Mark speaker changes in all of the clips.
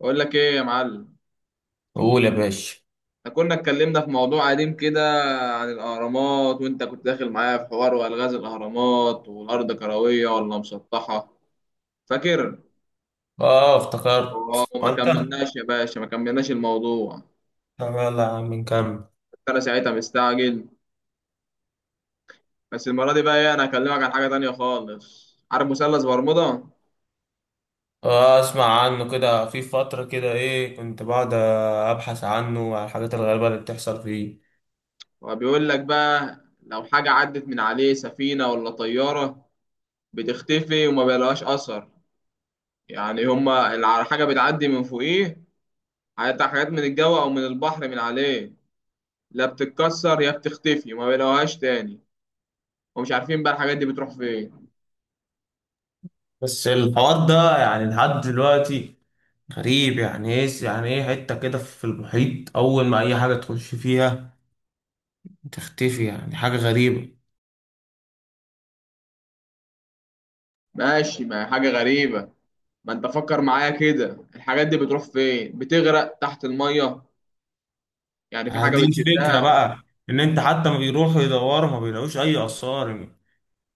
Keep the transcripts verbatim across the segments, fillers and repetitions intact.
Speaker 1: بقول لك ايه يا معلم.
Speaker 2: قول يا باشا.
Speaker 1: احنا كنا اتكلمنا في موضوع قديم كده عن الاهرامات، وانت كنت داخل معايا في حوار والغاز الاهرامات والارض كرويه ولا مسطحه. فاكر؟
Speaker 2: اه، افتكرت
Speaker 1: وما
Speaker 2: وانت؟
Speaker 1: كملناش يا باشا، ما كملناش الموضوع.
Speaker 2: طب يلا يا عم نكمل.
Speaker 1: كنت انا ساعتها مستعجل. بس المره دي بقى ايه، انا هكلمك عن حاجه تانية خالص. عارف مثلث برمودا؟
Speaker 2: اه، اسمع عنه كده، في فترة كده ايه كنت بقعد ابحث عنه وعن الحاجات الغريبة اللي بتحصل فيه.
Speaker 1: هو بيقول لك بقى، لو حاجه عدت من عليه سفينه ولا طياره بتختفي وما بيلاقاش اثر. يعني هما الع- الحاجه بتعدي من فوقيه، هيطلع حاجات من الجو او من البحر من عليه، لا بتتكسر يا بتختفي ما بيلاقوهاش تاني، ومش عارفين بقى الحاجات دي بتروح فين.
Speaker 2: بس الحوار ده يعني لحد دلوقتي غريب. يعني ايه يعني ايه حتة كده في المحيط، اول ما اي حاجة تخش فيها تختفي، يعني حاجة غريبة.
Speaker 1: ماشي، ما هي حاجة غريبة. ما انت فكر معايا كده، الحاجات دي بتروح فين؟ بتغرق تحت المية؟ يعني في
Speaker 2: يعني
Speaker 1: حاجة
Speaker 2: دي الفكرة
Speaker 1: بتشدها.
Speaker 2: بقى، ان انت حتى ما بيروحوا يدوروا ما بيلاقوش اي اثار.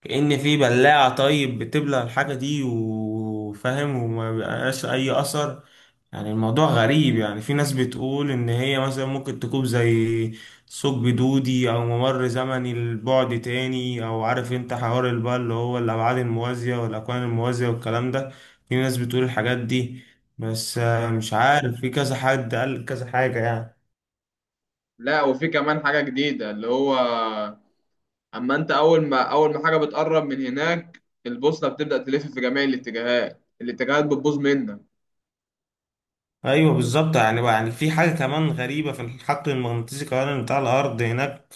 Speaker 2: كأن في بلاعة، طيب، بتبلع الحاجة دي وفاهم، وما بيبقاش أي أثر. يعني الموضوع غريب. يعني في ناس بتقول إن هي مثلا ممكن تكون زي ثقب دودي أو ممر زمني لبعد تاني، أو عارف أنت حوار اللي بقى اللي هو الأبعاد الموازية والأكوان الموازية والكلام ده. في ناس بتقول الحاجات دي. بس آه،
Speaker 1: آه.
Speaker 2: مش عارف، في كذا حد قال كذا حاجة يعني.
Speaker 1: لا، وفي كمان حاجة جديدة اللي هو، اما انت اول ما اول ما حاجة بتقرب من هناك البوصلة بتبدأ تلف في جميع الاتجاهات، الاتجاهات بتبوظ منك.
Speaker 2: ايوه، بالظبط. يعني بقى، يعني في حاجه كمان غريبه في الحقل المغناطيسي كمان بتاع الارض هناك.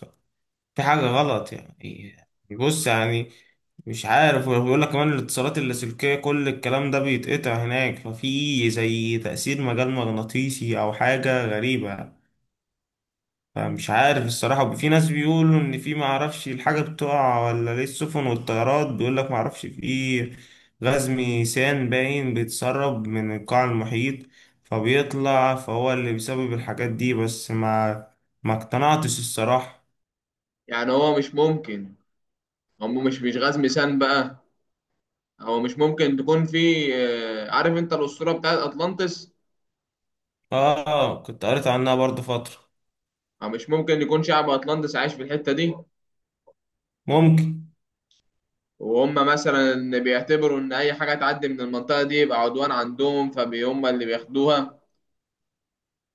Speaker 2: في حاجة غلط يعني. بص يعني، مش عارف، وبيقول لك كمان الاتصالات اللاسلكية كل الكلام ده بيتقطع هناك، ففي زي تأثير مجال مغناطيسي أو حاجة غريبة. فمش عارف الصراحة، في ناس بيقولوا إن في معرفش الحاجة بتقع ولا ليه السفن والطيارات، بيقول لك معرفش في غاز ميثان باين بيتسرب من القاع المحيط، فبيطلع، فهو اللي بيسبب الحاجات دي، بس ما ما اقتنعتش الصراحة.
Speaker 1: يعني هو مش ممكن، هو مش مش غاز ميثان بقى. هو مش ممكن تكون في آه، عارف انت الاسطوره بتاعت اطلانتس؟
Speaker 2: اه، كنت قريت عنها برضه فترة.
Speaker 1: أو مش ممكن يكون شعب اطلانتس عايش في الحته دي،
Speaker 2: ممكن.
Speaker 1: وهم مثلا بيعتبروا ان اي حاجه تعدي من المنطقه دي يبقى عدوان عندهم فهم اللي بياخدوها؟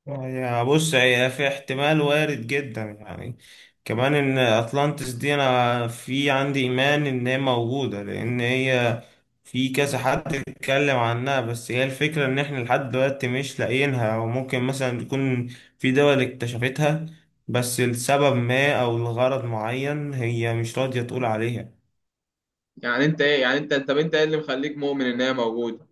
Speaker 2: هي بص، هي في احتمال وارد جدا يعني، كمان ان اطلانتس دي انا في عندي ايمان ان هي موجودة، لان هي في كذا حد اتكلم عنها. بس هي الفكرة ان احنا لحد دلوقتي مش لاقيينها، او ممكن مثلا يكون في دول اكتشفتها، بس لسبب ما او لغرض معين هي مش راضية تقول عليها.
Speaker 1: يعني انت ايه يعني انت طب انت ايه اللي مخليك مؤمن ان هي موجوده؟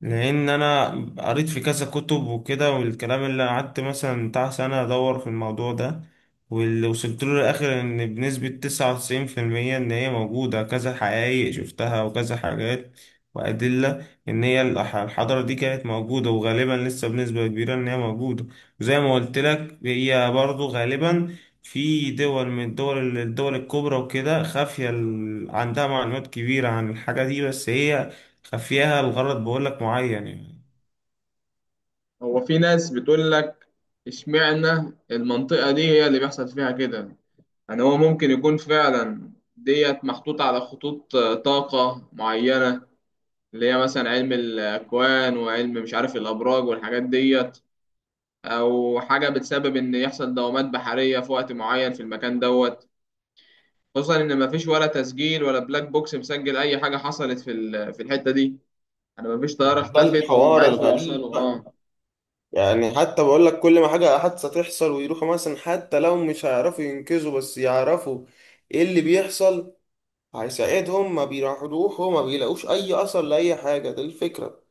Speaker 2: لان انا قريت في كذا كتب وكده، والكلام اللي قعدت مثلا بتاع سنة ادور في الموضوع ده، واللي وصلت له الاخر ان بنسبة تسعة وتسعين في المية ان هي موجودة، كذا حقائق شفتها وكذا حاجات وأدلة إن هي الح- الحضارة دي كانت موجودة، وغالبا لسه بنسبة كبيرة إن هي موجودة. وزي ما قلت لك، هي برضو غالبا في دول من الدول الدول الكبرى وكده، خافية، ال- عندها معلومات كبيرة عن الحاجة دي، بس هي خفيها الغرض بقول لك معين يعني.
Speaker 1: هو في ناس بتقول لك، اشمعنى المنطقه دي هي اللي بيحصل فيها كده؟ يعني هو ممكن يكون فعلا ديت محطوطه على خطوط آه، طاقه معينه، اللي هي مثلا علم الأكوان وعلم مش عارف الأبراج والحاجات ديت، أو حاجة بتسبب إن يحصل دوامات بحرية في وقت معين في المكان دوت. خصوصا إن مفيش ولا تسجيل ولا بلاك بوكس مسجل أي حاجة حصلت في ال- في الحتة دي. أنا مفيش طيارة اختفت وهم
Speaker 2: الحوار
Speaker 1: عرفوا
Speaker 2: الغريب
Speaker 1: يوصلوا
Speaker 2: بقى.
Speaker 1: أه
Speaker 2: يعني حتى بقول لك، كل ما حاجة حادثة تحصل ويروحوا مثلا، حتى لو مش هيعرفوا ينقذوا بس يعرفوا ايه اللي بيحصل هيساعدهم، ما بيروحوا ما بيلاقوش اي اثر لأي حاجة. ده الفكرة.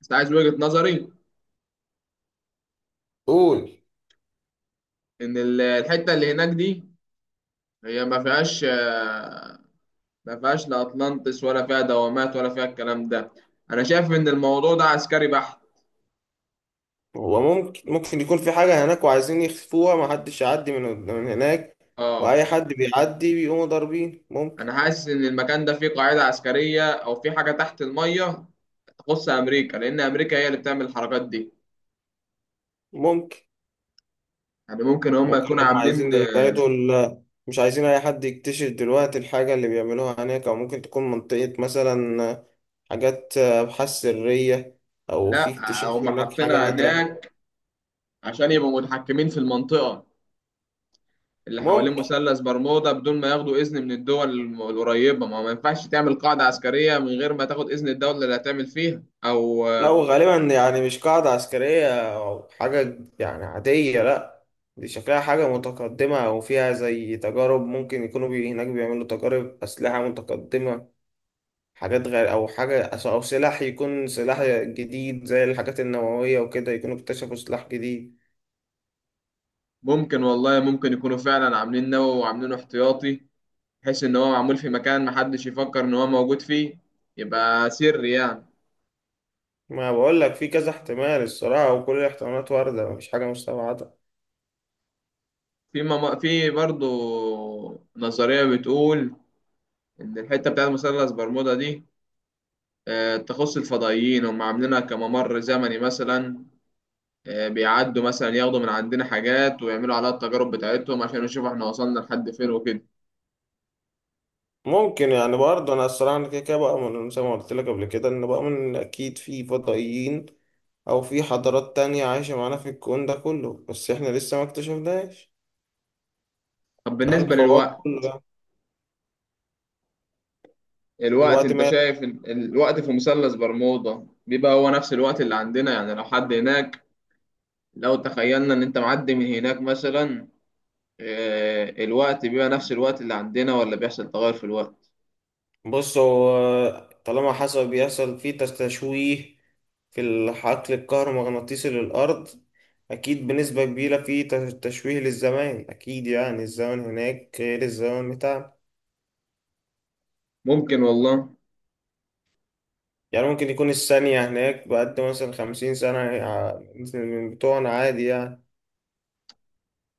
Speaker 1: بس عايز وجهة نظري،
Speaker 2: قول.
Speaker 1: إن ال- الحتة اللي هناك دي هي ما فيهاش آه، ما فيهاش لا أطلانتس ولا فيها دوامات ولا فيها الكلام ده. أنا شايف إن الموضوع ده عسكري بحت.
Speaker 2: هو ممكن ممكن يكون في حاجة هناك وعايزين يخفوها ما حدش يعدي من من هناك، واي
Speaker 1: أه.
Speaker 2: حد بيعدي بيقوموا ضاربين، ممكن.
Speaker 1: انا حاسس ان المكان ده فيه قاعده عسكريه او فيه حاجه تحت الميه تخص امريكا، لان امريكا هي اللي بتعمل الحركات دي.
Speaker 2: ممكن.
Speaker 1: يعني ممكن هم
Speaker 2: ممكن
Speaker 1: يكونوا
Speaker 2: هم
Speaker 1: عاملين.
Speaker 2: عايزين يبعدوا ال... مش عايزين أي حد يكتشف دلوقتي الحاجة اللي بيعملوها هناك، أو ممكن تكون منطقة مثلا حاجات أبحاث سرية، أو في
Speaker 1: لا،
Speaker 2: اكتشاف
Speaker 1: هم
Speaker 2: هناك حاجة
Speaker 1: حاطينها
Speaker 2: نادرة.
Speaker 1: هناك عشان يبقوا متحكمين في المنطقه اللي حوالين
Speaker 2: ممكن.
Speaker 1: مثلث برمودا بدون ما ياخدوا اذن من الدول الم- القريبه. ما ما ينفعش تعمل قاعده عسكريه من غير ما تاخد اذن الدوله اللي هتعمل فيها او
Speaker 2: لو غالبا يعني مش قاعدة عسكرية أو حاجة يعني عادية، لأ. دي شكلها حاجة متقدمة، أو فيها زي تجارب، ممكن يكونوا بي... هناك بيعملوا تجارب أسلحة متقدمة، حاجات غير، او حاجه، او سلاح يكون سلاح جديد زي الحاجات النوويه وكده، يكونوا اكتشفوا سلاح جديد.
Speaker 1: ممكن والله، ممكن يكونوا فعلا عاملين نووي وعاملينه احتياطي، بحيث ان هو معمول في مكان محدش يفكر ان هو موجود فيه. يبقى سري يعني.
Speaker 2: ما بقول لك في كذا احتمال الصراحه، وكل الاحتمالات وارده، مفيش حاجه مستبعده.
Speaker 1: في مم... في برضه نظرية بتقول إن الحتة بتاعت مثلث برمودا دي آه، تخص الفضائيين، هم عاملينها كممر زمني مثلا، آه، بيعدوا مثلا ياخدوا من عندنا حاجات ويعملوا عليها التجارب بتاعتهم عشان يشوفوا احنا وصلنا لحد فين وكده.
Speaker 2: ممكن يعني برضه، انا الصراحه انا كده كده بؤمن، زي ما قلت لك قبل كده، ان بؤمن ان اكيد في فضائيين، او في حضارات تانية عايشه معانا في الكون ده كله، بس احنا لسه ما اكتشفناش.
Speaker 1: طب
Speaker 2: ده
Speaker 1: بالنسبة
Speaker 2: الحوار
Speaker 1: للوقت،
Speaker 2: كله يعني.
Speaker 1: الوقت
Speaker 2: دلوقتي،
Speaker 1: انت شايف ال- الوقت في مثلث برمودا بيبقى هو نفس الوقت اللي عندنا؟ يعني لو حد هناك، لو تخيلنا ان انت معدي من هناك مثلا آه، الوقت بيبقى نفس الوقت اللي عندنا ولا بيحصل تغير في الوقت؟
Speaker 2: بص، هو طالما حصل بيحصل فيه تشويه في الحقل الكهرومغناطيسي للأرض، أكيد بنسبة كبيرة فيه تش- تشويه للزمان، أكيد يعني الزمن هناك غير الزمن بتاعنا.
Speaker 1: ممكن والله.
Speaker 2: يعني ممكن يكون الثانية هناك بقد مثلا خمسين سنة ع- مثل من بتوعنا، عادي يعني.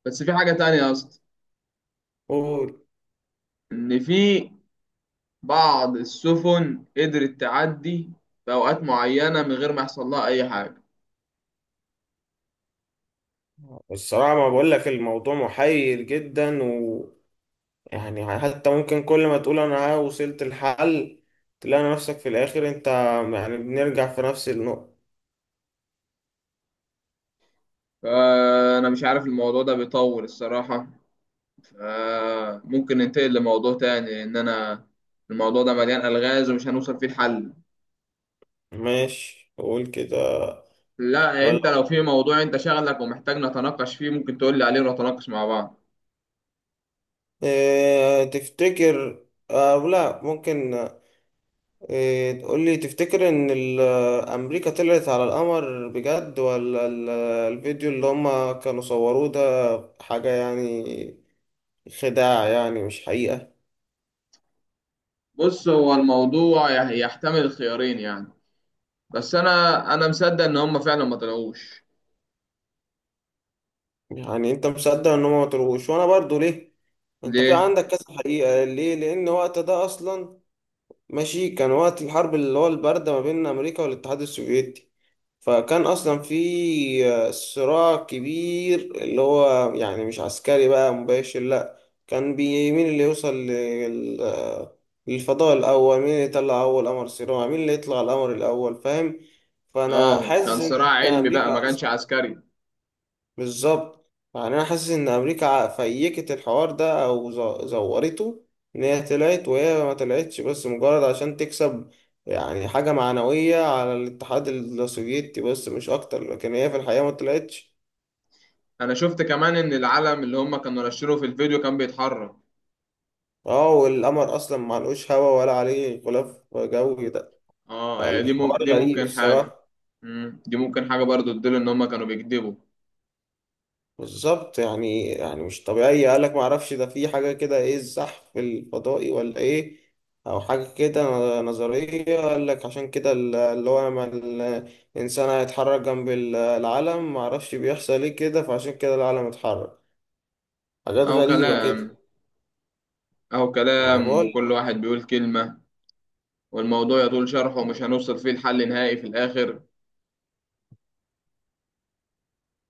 Speaker 1: بس في حاجة تانية يا اسطى،
Speaker 2: قول.
Speaker 1: إن في بعض السفن قدرت تعدي في أوقات معينة من غير ما يحصل لها أي حاجة.
Speaker 2: الصراحة ما بقول لك الموضوع محير جدا، يعني حتى ممكن كل ما تقول انا ها وصلت الحل، تلاقي نفسك في الاخر انت يعني بنرجع في نفس النقطة.
Speaker 1: فأنا مش عارف، الموضوع ده بيطول الصراحة، فممكن ننتقل لموضوع تاني، لأن أنا الموضوع ده مليان ألغاز ومش هنوصل فيه الحل.
Speaker 2: ماشي، قول كده.
Speaker 1: لا،
Speaker 2: ولا
Speaker 1: أنت لو في موضوع أنت شغلك ومحتاج نتناقش فيه ممكن تقول لي عليه ونتناقش مع بعض.
Speaker 2: إيه تفتكر؟ آه، لا، ممكن. إيه تقول لي، تفتكر ان ال- امريكا طلعت على القمر بجد، ولا ال- الفيديو اللي هما كانوا صوروه ده حاجة يعني خداع يعني مش حقيقة؟
Speaker 1: بص، هو الموضوع يح- يحتمل الخيارين يعني. بس أنا أنا مصدق إن هما فعلا ما طلعوش.
Speaker 2: يعني انت مصدق ان هما ما طلعوش وانا برضو، ليه؟ انت في
Speaker 1: ليه؟
Speaker 2: عندك كذا حقيقة، ليه؟ لأن وقت ده أصلا، ماشي، كان وقت الحرب اللي هو الباردة ما بين أمريكا والاتحاد السوفيتي، فكان أصلا في آه، صراع كبير، اللي هو يعني مش عسكري بقى مباشر، لأ. كان بي- مين اللي يوصل لل- آه، للفضاء الأول، مين اللي يطلع أول قمر صناعي، مين اللي يطلع القمر الأول، فاهم؟ فأنا
Speaker 1: اه، كان
Speaker 2: حاسس إن
Speaker 1: صراع
Speaker 2: هي
Speaker 1: علمي بقى، ما
Speaker 2: أمريكا،
Speaker 1: كانش عسكري.
Speaker 2: بالظبط يعني انا حاسس ان امريكا ع- فيكت الحوار ده او ز- زورته. ان هي طلعت وهي ما طلعتش، بس مجرد عشان تكسب يعني حاجة معنوية على الاتحاد السوفيتي، بس مش اكتر، لكن هي في الحقيقة ما طلعتش.
Speaker 1: انا شفت كمان ان العلم اللي هم كانوا نشروه في الفيديو كان بيتحرك.
Speaker 2: اه، والقمر اصلا ما لهوش هوا ولا عليه غلاف جوي ده،
Speaker 1: اه يعني دي مم...
Speaker 2: فالحوار
Speaker 1: دي
Speaker 2: غريب
Speaker 1: ممكن حاجة.
Speaker 2: الصراحة.
Speaker 1: مم. دي ممكن حاجة برضو تدل ان هم كانوا بيكذبوا.
Speaker 2: بالظبط، يعني يعني مش طبيعية، قالك ما اعرفش ده في حاجة كده، ايه الزحف الفضائي ولا ايه، او حاجة كده. نظرية قالك، عشان كده ال- اللي هو لما الانسان هيتحرك جنب ال- العلم، ما اعرفش بيحصل ايه كده، فعشان كده العلم اتحرك. حاجات
Speaker 1: او
Speaker 2: غريبة كده.
Speaker 1: كلام، او
Speaker 2: انا
Speaker 1: كلام،
Speaker 2: بقول،
Speaker 1: وكل واحد بيقول كلمة، والموضوع يطول شرحه ومش هنوصل فيه لحل نهائي في الاخر.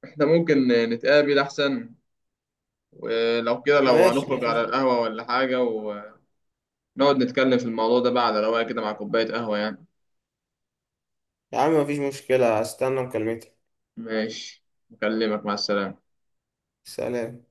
Speaker 1: احنا ممكن نتقابل احسن، ولو كده لو
Speaker 2: ماشي،
Speaker 1: هنخرج
Speaker 2: مفيش.
Speaker 1: على القهوة ولا حاجة ونقعد نتكلم في الموضوع ده بقى على رواية كده مع كوباية قهوة يعني.
Speaker 2: يا عم مفيش مشكلة، هستنى مكالمتك.
Speaker 1: ماشي. أكلمك، مع السلامة.
Speaker 2: سلام.